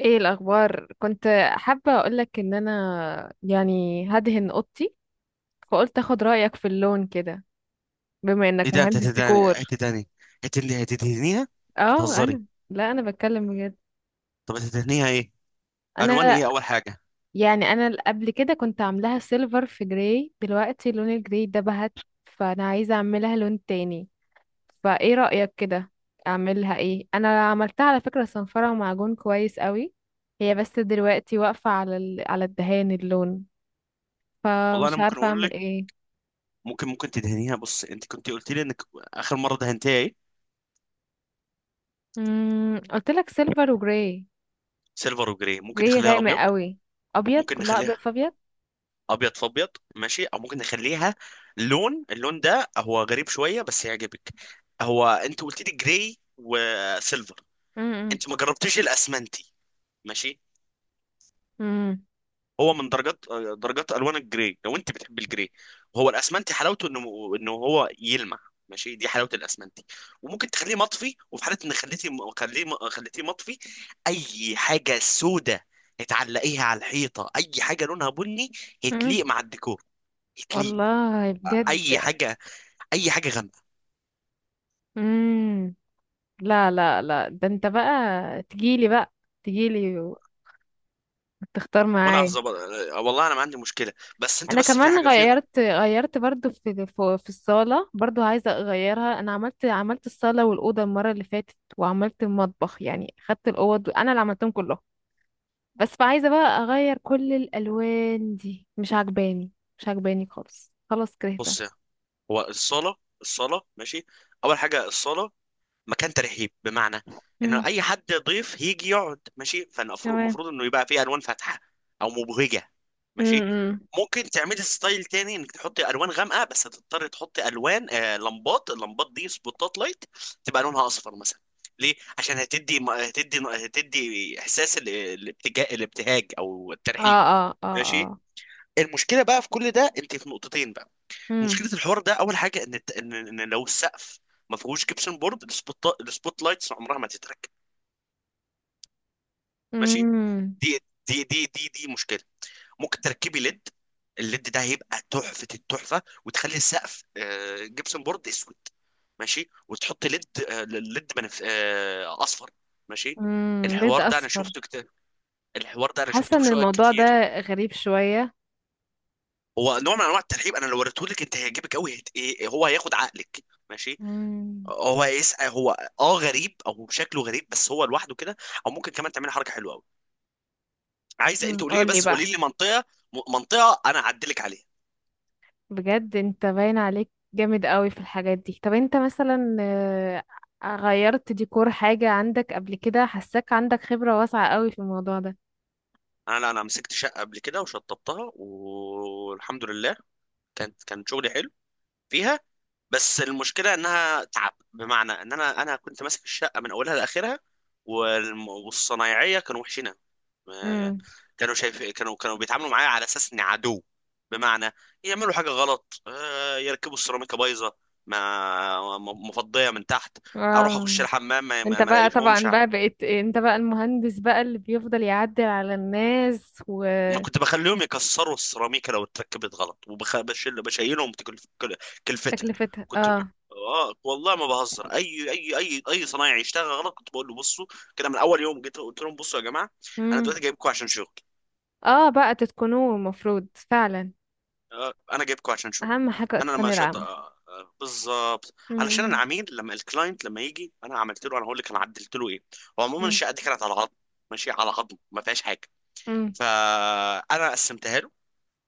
ايه الاخبار؟ كنت حابه اقولك ان انا يعني هدهن اوضتي، فقلت اخد رايك في اللون كده، بما انك ايه ده؟ انت مهندس ديكور. هتدهنيها اه بتهزري؟ انا. لا انا بتكلم بجد. طب هتدهنيها ايه؟ الوان انا ايه؟ اول حاجه. انا قبل كده كنت عاملاها سيلفر في جراي. دلوقتي لون الجراي ده بهت، فانا عايزه اعملها لون تاني. فايه رايك كده؟ اعملها ايه؟ انا عملتها على فكره صنفره ومعجون كويس قوي. هي بس دلوقتي واقفه على الدهان اللون، والله انا فمش ممكن عارفه اقول اعمل لك، ايه. ممكن تدهنيها. بص، انت كنت قلت لي انك اخر مره دهنتيها ايه؟ امم، قلت لك سيلفر وجراي. سيلفر وجراي. ممكن جراي نخليها غامق ابيض. قوي. ابيض، ممكن كلها ابيض نخليها في ابيض. ابيض في ابيض، ماشي. او ممكن نخليها لون، اللون ده هو غريب شويه بس يعجبك. هو انت قلت لي جراي وسيلفر، امم. انت ما جربتيش الاسمنتي؟ ماشي. امم. هو من درجات الوان الجراي، لو انت بتحب الجراي. هو الاسمنتي حلاوته انه هو يلمع. ماشي، دي حلاوه الاسمنتي. وممكن تخليه مطفي، وفي حاله ان خليتيه مطفي، اي حاجه سودة هتعلقيها على الحيطه، اي حاجه لونها بني، امم. هتليق مع الديكور، هتليق. والله اي بجد. حاجه اي حاجه غامقه. امم. لا لا لا، ده انت بقى تجيلي بقى، تجيلي وتختار وانا معايا. هظبط. والله انا ما عندي مشكله، بس انت انا بس في كمان حاجه في. غيرت برضو في الصالة برضو، عايزة اغيرها. انا عملت الصالة والأوضة المرة اللي فاتت، وعملت المطبخ، يعني خدت الأوض انا اللي عملتهم كلهم. بس عايزة بقى اغير كل الالوان دي، مش عجباني. مش عجباني خالص، خلاص كرهتها. بص، هو الصاله، ماشي اول حاجه الصاله مكان ترحيب، بمعنى انه امم. اي حد ضيف هيجي يقعد، ماشي. فالمفروض تمام. انه يبقى فيه الوان فاتحه او مبهجه، ماشي. امم. ممكن تعملي ستايل تاني، انك تحطي الوان غامقه، بس هتضطري تحطي الوان، لمبات اللمبات دي سبوتات لايت، تبقى لونها اصفر مثلا. ليه؟ عشان هتدي احساس الابتهاج او اه الترحيب، اه اه ماشي. اه. المشكله بقى في كل ده انت، في نقطتين بقى. امم. مشكله الحوار ده، اول حاجه، ان إن لو السقف ما فيهوش جبسن بورد، السبوت لايتس عمرها ما تتركب، ماشي. امم. دي دي مشكله. ممكن تركبي ليد، الليد ده هيبقى تحفه، التحفه، وتخلي السقف جبسن بورد اسود، ماشي. وتحطي ليد آه، ليد بنف... آه، اصفر ماشي. امم. بيض الحوار ده انا اصفر. شفته كتير، الحوار ده انا حاسة شفته في ان شقق الموضوع كتير. ده غريب شوية. هو نوع من انواع الترحيب، انا لو وريته لك انت هيعجبك قوي. هو هياخد عقلك، ماشي. امم. هو يسأل، هو اه، غريب، او شكله غريب بس هو لوحده كده. او ممكن كمان تعمل حركه حلوه قوي. عايزه انت مم، قولي لي، قولي بس قولي بقى. لي منطقه، منطقه انا اعدلك عليها. بجد انت باين عليك جامد قوي في الحاجات دي. طب انت مثلا، غيرت ديكور حاجة عندك قبل كده؟ حاساك عندك خبرة واسعة قوي في الموضوع ده. انا مسكت شقه قبل كده وشطبتها، والحمد لله. كان شغلي حلو فيها. بس المشكله انها تعب، بمعنى ان انا كنت ماسك الشقه من اولها لاخرها. والصنايعيه كانوا وحشينها. ما- كانوا شايف كانوا كانوا بيتعاملوا معايا على اساس اني عدو. بمعنى يعملوا حاجه غلط يركبوا السيراميكا بايظه، ما مفضيه من تحت. اروح اخش امم. الحمام انت ما بقى الاقيهمش. طبعا بقى بقيت انت بقى المهندس بقى اللي بيفضل يعدل على الناس أنا وتكلفتها. كنت بخليهم يكسروا السيراميكا لو اتركبت غلط، بشيلهم كلفتها كنت... اه. اه والله ما بهزر. اي صنايعي يشتغل غلط كنت بقول له بصوا. كده من اول يوم جيت قلت لهم بصوا يا جماعه، انا دلوقتي امم. جايبكم عشان شغل. اه، بقى تتقنوه المفروض فعلا. انا جايبكم عشان شغل. اهم حاجة انا اتقان لما شط العمل. آه، آه، بالظبط علشان انا امم. عميل. لما الكلاينت لما يجي انا عملت له، انا هقول لك انا عدلت له ايه. هو عموما امم. الشقه دي كانت على عظم، ماشي، على عظم ما فيهاش حاجه. امم. فانا قسمتها له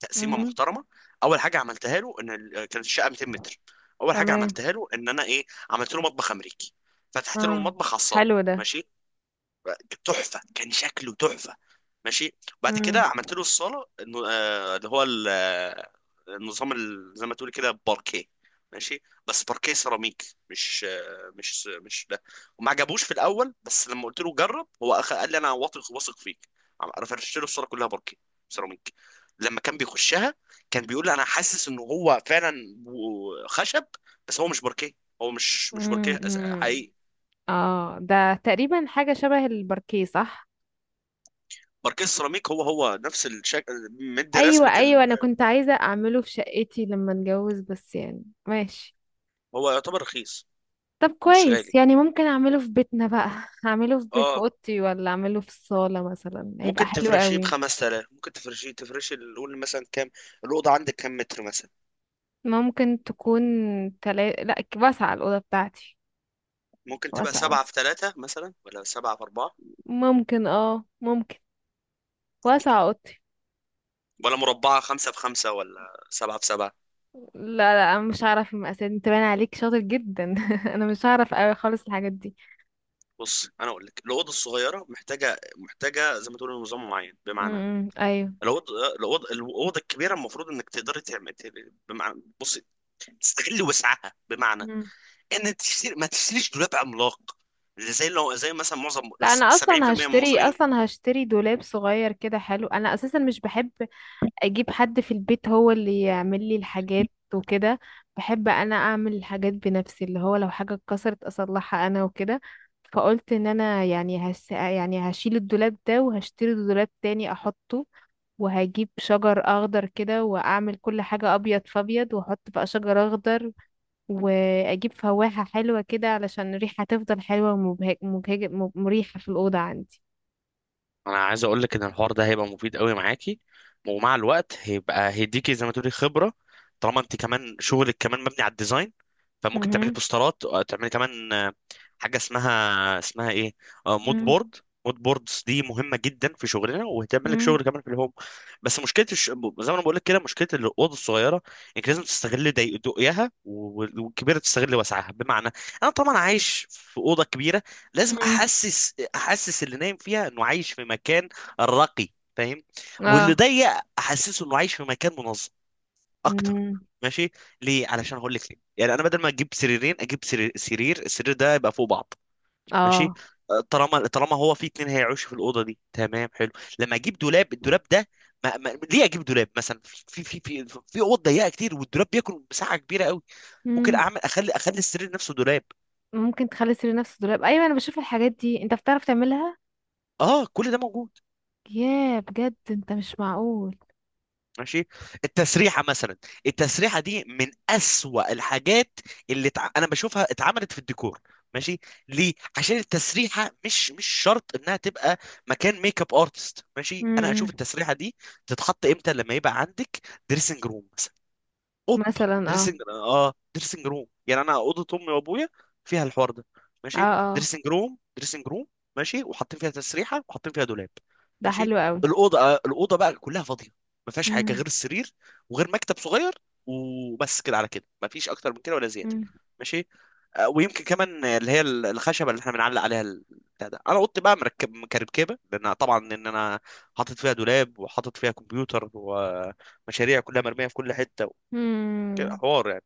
تقسيمه امم. محترمه. اول حاجه عملتها له ان كانت الشقه 200 متر. اول حاجه تمام. عملتها له ان انا ايه، عملت له مطبخ امريكي. فتحت له اه، المطبخ على الصاله، حلو ده. ماشي. تحفه، كان شكله تحفه، ماشي. بعد كده امم. عملت له الصاله، إنه، آه، اللي هو ال- آه، النظام زي ما تقول كده باركيه، ماشي. بس باركيه سيراميك، مش آه، مش مش ده. وما عجبوش في الاول، بس لما قلت له جرب هو قال لي انا واثق، واثق فيك. فرشت له الصاله كلها باركيه سيراميك. لما كان بيخشها كان بيقول لي انا حاسس ان هو فعلا خشب بس هو مش باركيه. هو مش باركيه امم. حقيقي اه، ده تقريبا حاجة شبه الباركيه، صح؟ ماركيز سيراميك، هو نفس الشكل. مدي رسمة ايوه ايوه، ال... انا كنت عايزة اعمله في شقتي لما اتجوز، بس يعني ماشي. هو يعتبر رخيص، طب مش غالي. كويس، يعني ممكن اعمله في بيتنا بقى اعمله في في اه، اوضتي، ولا اعمله في الصالة مثلا؟ يبقى ممكن حلو تفرشيه ب قوي. 5000، ممكن تفرشي نقول مثلا كام. الأوضة عندك كام متر مثلا؟ ممكن تكون، تلا... لا ك- واسعة الأوضة بتاعتي. ممكن تبقى واسعة. 7 في 3 مثلا، ولا 7 في 4، ممكن اه ممكن. واسعة اوضتي. ولا مربعة 5 في 5، ولا 7 في 7. لا لا، انا مش هعرف المقاسات. انت باين عليك شاطر جدا انا مش هعرف قوي خالص الحاجات دي. بص، انا اقول لك، الاوضه الصغيره محتاجه، زي ما تقول نظام معين. بمعنى امم، ايوه. الاوضه الكبيره المفروض انك تقدري تعمل، بمعنى، بص، تستغل وسعها، بمعنى مم. ان تشتري، ما تشتريش دولاب عملاق زي، لو زي مثلا معظم لا، انا اصلا 70% من هشتري المصريين. اصلا هشتري دولاب صغير كده حلو. انا اساسا مش بحب اجيب حد في البيت هو اللي يعمل لي الحاجات وكده. بحب انا اعمل الحاجات بنفسي، اللي هو لو حاجة اتكسرت اصلحها انا وكده. فقلت ان انا يعني هشيل الدولاب ده، وهشتري دولاب تاني احطه. وهجيب شجر اخضر كده واعمل كل حاجة ابيض فابيض، واحط بقى شجر اخضر. واجيب فواحة حلوة كده علشان الريحة تفضل حلوة، ومبهج... مبهج... مب- مريحة في الأوضة عندي. انا عايز اقول لك ان الحوار ده هيبقى مفيد قوي معاكي، ومع الوقت هيديكي زي ما تقولي خبره. طالما انت كمان شغلك كمان مبني على الديزاين، فممكن تعملي مهم. بوسترات، أو تعملي كمان حاجه اسمها ايه، مود مم. بورد. مود بوردز دي مهمه جدا في شغلنا، وهتعمل لك مم. شغل كمان في الهوم. بس مشكله الش... زي ما انا بقول لك كده، مشكله الاوضه الصغيره انك لازم تستغل ضيقها والكبيره تستغل وسعها. بمعنى، انا طبعا عايش في اوضه كبيره، لازم مم. احسس اللي نايم فيها انه عايش في مكان راقي، فاهم؟ واللي اه. ضيق، احسسه انه عايش في مكان منظم اكتر، مم. ماشي. ليه؟ علشان هقول لك ليه، يعني انا بدل ما اجيب سريرين اجيب سرير سرير السرير ده يبقى فوق بعض، ماشي. اه. طالما هو في اتنين هيعيشوا في الاوضه دي، تمام، حلو. لما اجيب دولاب، الدولاب ده ما... ما... ليه اجيب دولاب مثلا في في اوض ضيقه كتير، والدولاب بياكل مساحه كبيره قوي. ممكن مم. اعمل اخلي اخلي السرير نفسه دولاب. ممكن تخلي السرير نفسه دولاب، ايوه. انا بشوف الحاجات دي، انت بتعرف تعملها. اه، كل ده موجود، ياه بجد، انت مش معقول. ماشي. التسريحه مثلا، التسريحه دي من اسوأ الحاجات اللي انا بشوفها اتعملت في الديكور، ماشي. ليه؟ عشان التسريحه مش شرط انها تبقى مكان ميك اب ارتست، ماشي. انا مم. اشوف التسريحه دي تتحط امتى، لما يبقى عندك دريسنج روم. اوب مثلا اه. دريسنج اه دريسنج روم، يعني انا اوضه امي وابويا فيها الحوار ده، اه ماشي. اه. دريسنج روم، ماشي، وحاطين فيها تسريحه وحاطين فيها دولاب، ده ماشي. حلو قوي. الاوضه الاوضه بقى كلها فاضيه، ما فيهاش حاجه مم. غير السرير، وغير مكتب صغير، وبس كده. على كده ما فيش اكتر من كده ولا زياده، مم. ماشي. ويمكن كمان اللي هي الخشبه اللي احنا بنعلق عليها بتاع ده. انا اوضتي بقى مركب، مكركبه، لان طبعا ان انا حاطط فيها دولاب، وحاطط فيها كمبيوتر، ومشاريع كلها مرميه في كل حته، كده مم. حوار يعني.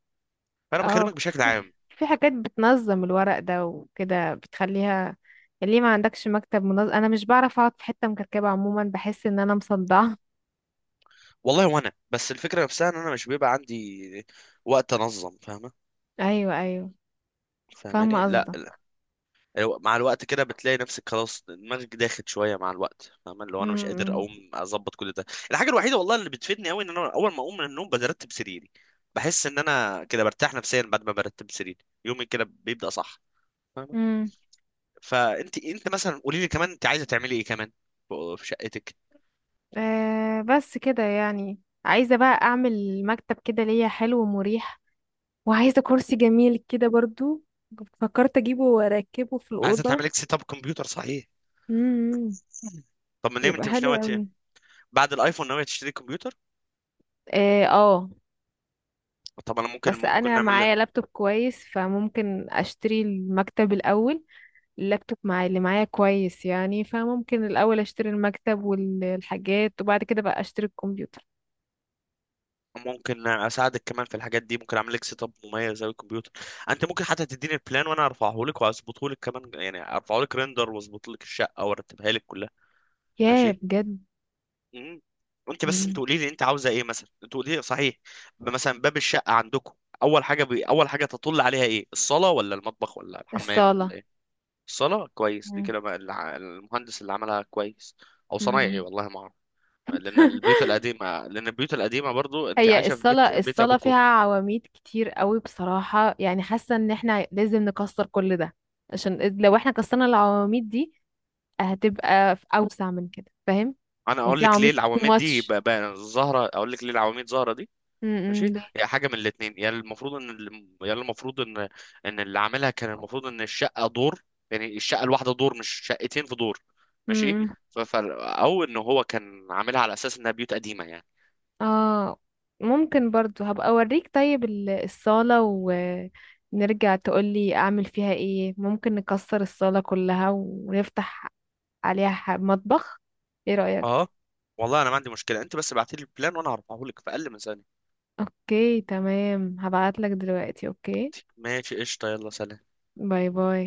فانا اه. بكلمك بشكل في عام. حاجات بتنظم الورق ده وكده بتخليها، يعني ليه ما عندكش مكتب منظم؟ انا مش بعرف اقعد في حتة مكركبة عموما، بحس ان انا مصدعة. والله وانا بس الفكره نفسها ان انا مش بيبقى عندي وقت انظم، فاهمه؟ ايوه ايوه. فاهماني؟ فاهمة لا، لا. قصدك. مع الوقت كده بتلاقي نفسك خلاص دماغك داخل شويه، مع الوقت، فاهمه؟ لو انا مش قادر مم. اقوم اظبط كل ده. الحاجه الوحيده والله اللي بتفيدني قوي ان انا اول ما اقوم من النوم برتب سريري، بحس ان انا كده برتاح نفسيا بعد ما برتب سريري، يومي كده بيبدا صح، فاهمه؟ مم. فانت مثلا قولي لي كمان، انت عايزه تعملي ايه كمان في شقتك آه، بس كده يعني. عايزة بقى أعمل مكتب كده ليا حلو ومريح. وعايزة كرسي جميل كده برضو، فكرت أجيبه وأركبه في عايزه الأوضة. تعملي لك سيت اب كمبيوتر، صحيح؟ امم. طب ما ليه يبقى انت مش حلو ناويه، أوي. بعد الايفون، ناوي تشتري كمبيوتر؟ اه، طب انا ممكن، بس أنا نعمل معايا لابتوب كويس، فممكن أشتري المكتب الأول. اللابتوب معايا، اللي معايا كويس يعني، فممكن الأول أشتري المكتب والحاجات، وبعد كده بقى أشتري الكمبيوتر. ممكن اساعدك كمان في الحاجات دي، ممكن اعمل لك سيت اب مميز زي الكمبيوتر. انت ممكن حتى تديني البلان، وانا ارفعه لك واظبطه لك كمان، يعني ارفعه لك ريندر، واظبط لك الشقه وارتبها لك كلها، ياه ماشي. بجد. امم انت بس، انت مم. قولي لي انت عاوزه ايه مثلا، انت قولي لي صحيح، مثلا باب الشقه عندكم اول حاجه اول حاجه تطل عليها ايه؟ الصاله ولا المطبخ ولا الحمام الصالة. ولا ايه؟ الصاله، كويس، دي مم. كده بقى المهندس اللي عملها كويس، او صنايعي، مم. والله ما اعرف. لان البيوت القديمه برضو، انت هي عايشه في بيت الصلاة بيت الصلاة فيها ابوكو. عواميد كتير قوي بصراحة، يعني حاسة ان احنا لازم نكسر كل ده. عشان لو احنا كسرنا العواميد دي هتبقى في اوسع من كده، فاهم؟ انا يعني اقول في لك ليه عواميد too العواميد دي much. ظاهره اقول لك ليه العواميد ظاهره دي. امم، ماشي، ليه؟ هي حاجه من الاثنين، يا المفروض ان اللي عاملها كان المفروض ان الشقه دور، يعني الشقه الواحده دور، مش شقتين في دور، ماشي. امم. او ان هو كان عاملها على اساس انها بيوت قديمه، يعني. اه، ممكن برضو هبقى اوريك. طيب الصالة، ونرجع تقولي اعمل فيها ايه، ممكن نكسر الصالة كلها ونفتح عليها مطبخ، ايه رأيك؟ اه، والله انا ما عندي مشكله، انت بس ابعتي لي البلان وانا هرفعه لك في اقل من ثانيه. اوكي تمام، هبعتلك دلوقتي. اوكي. ماشي، قشطه، يلا، سلام. باي باي.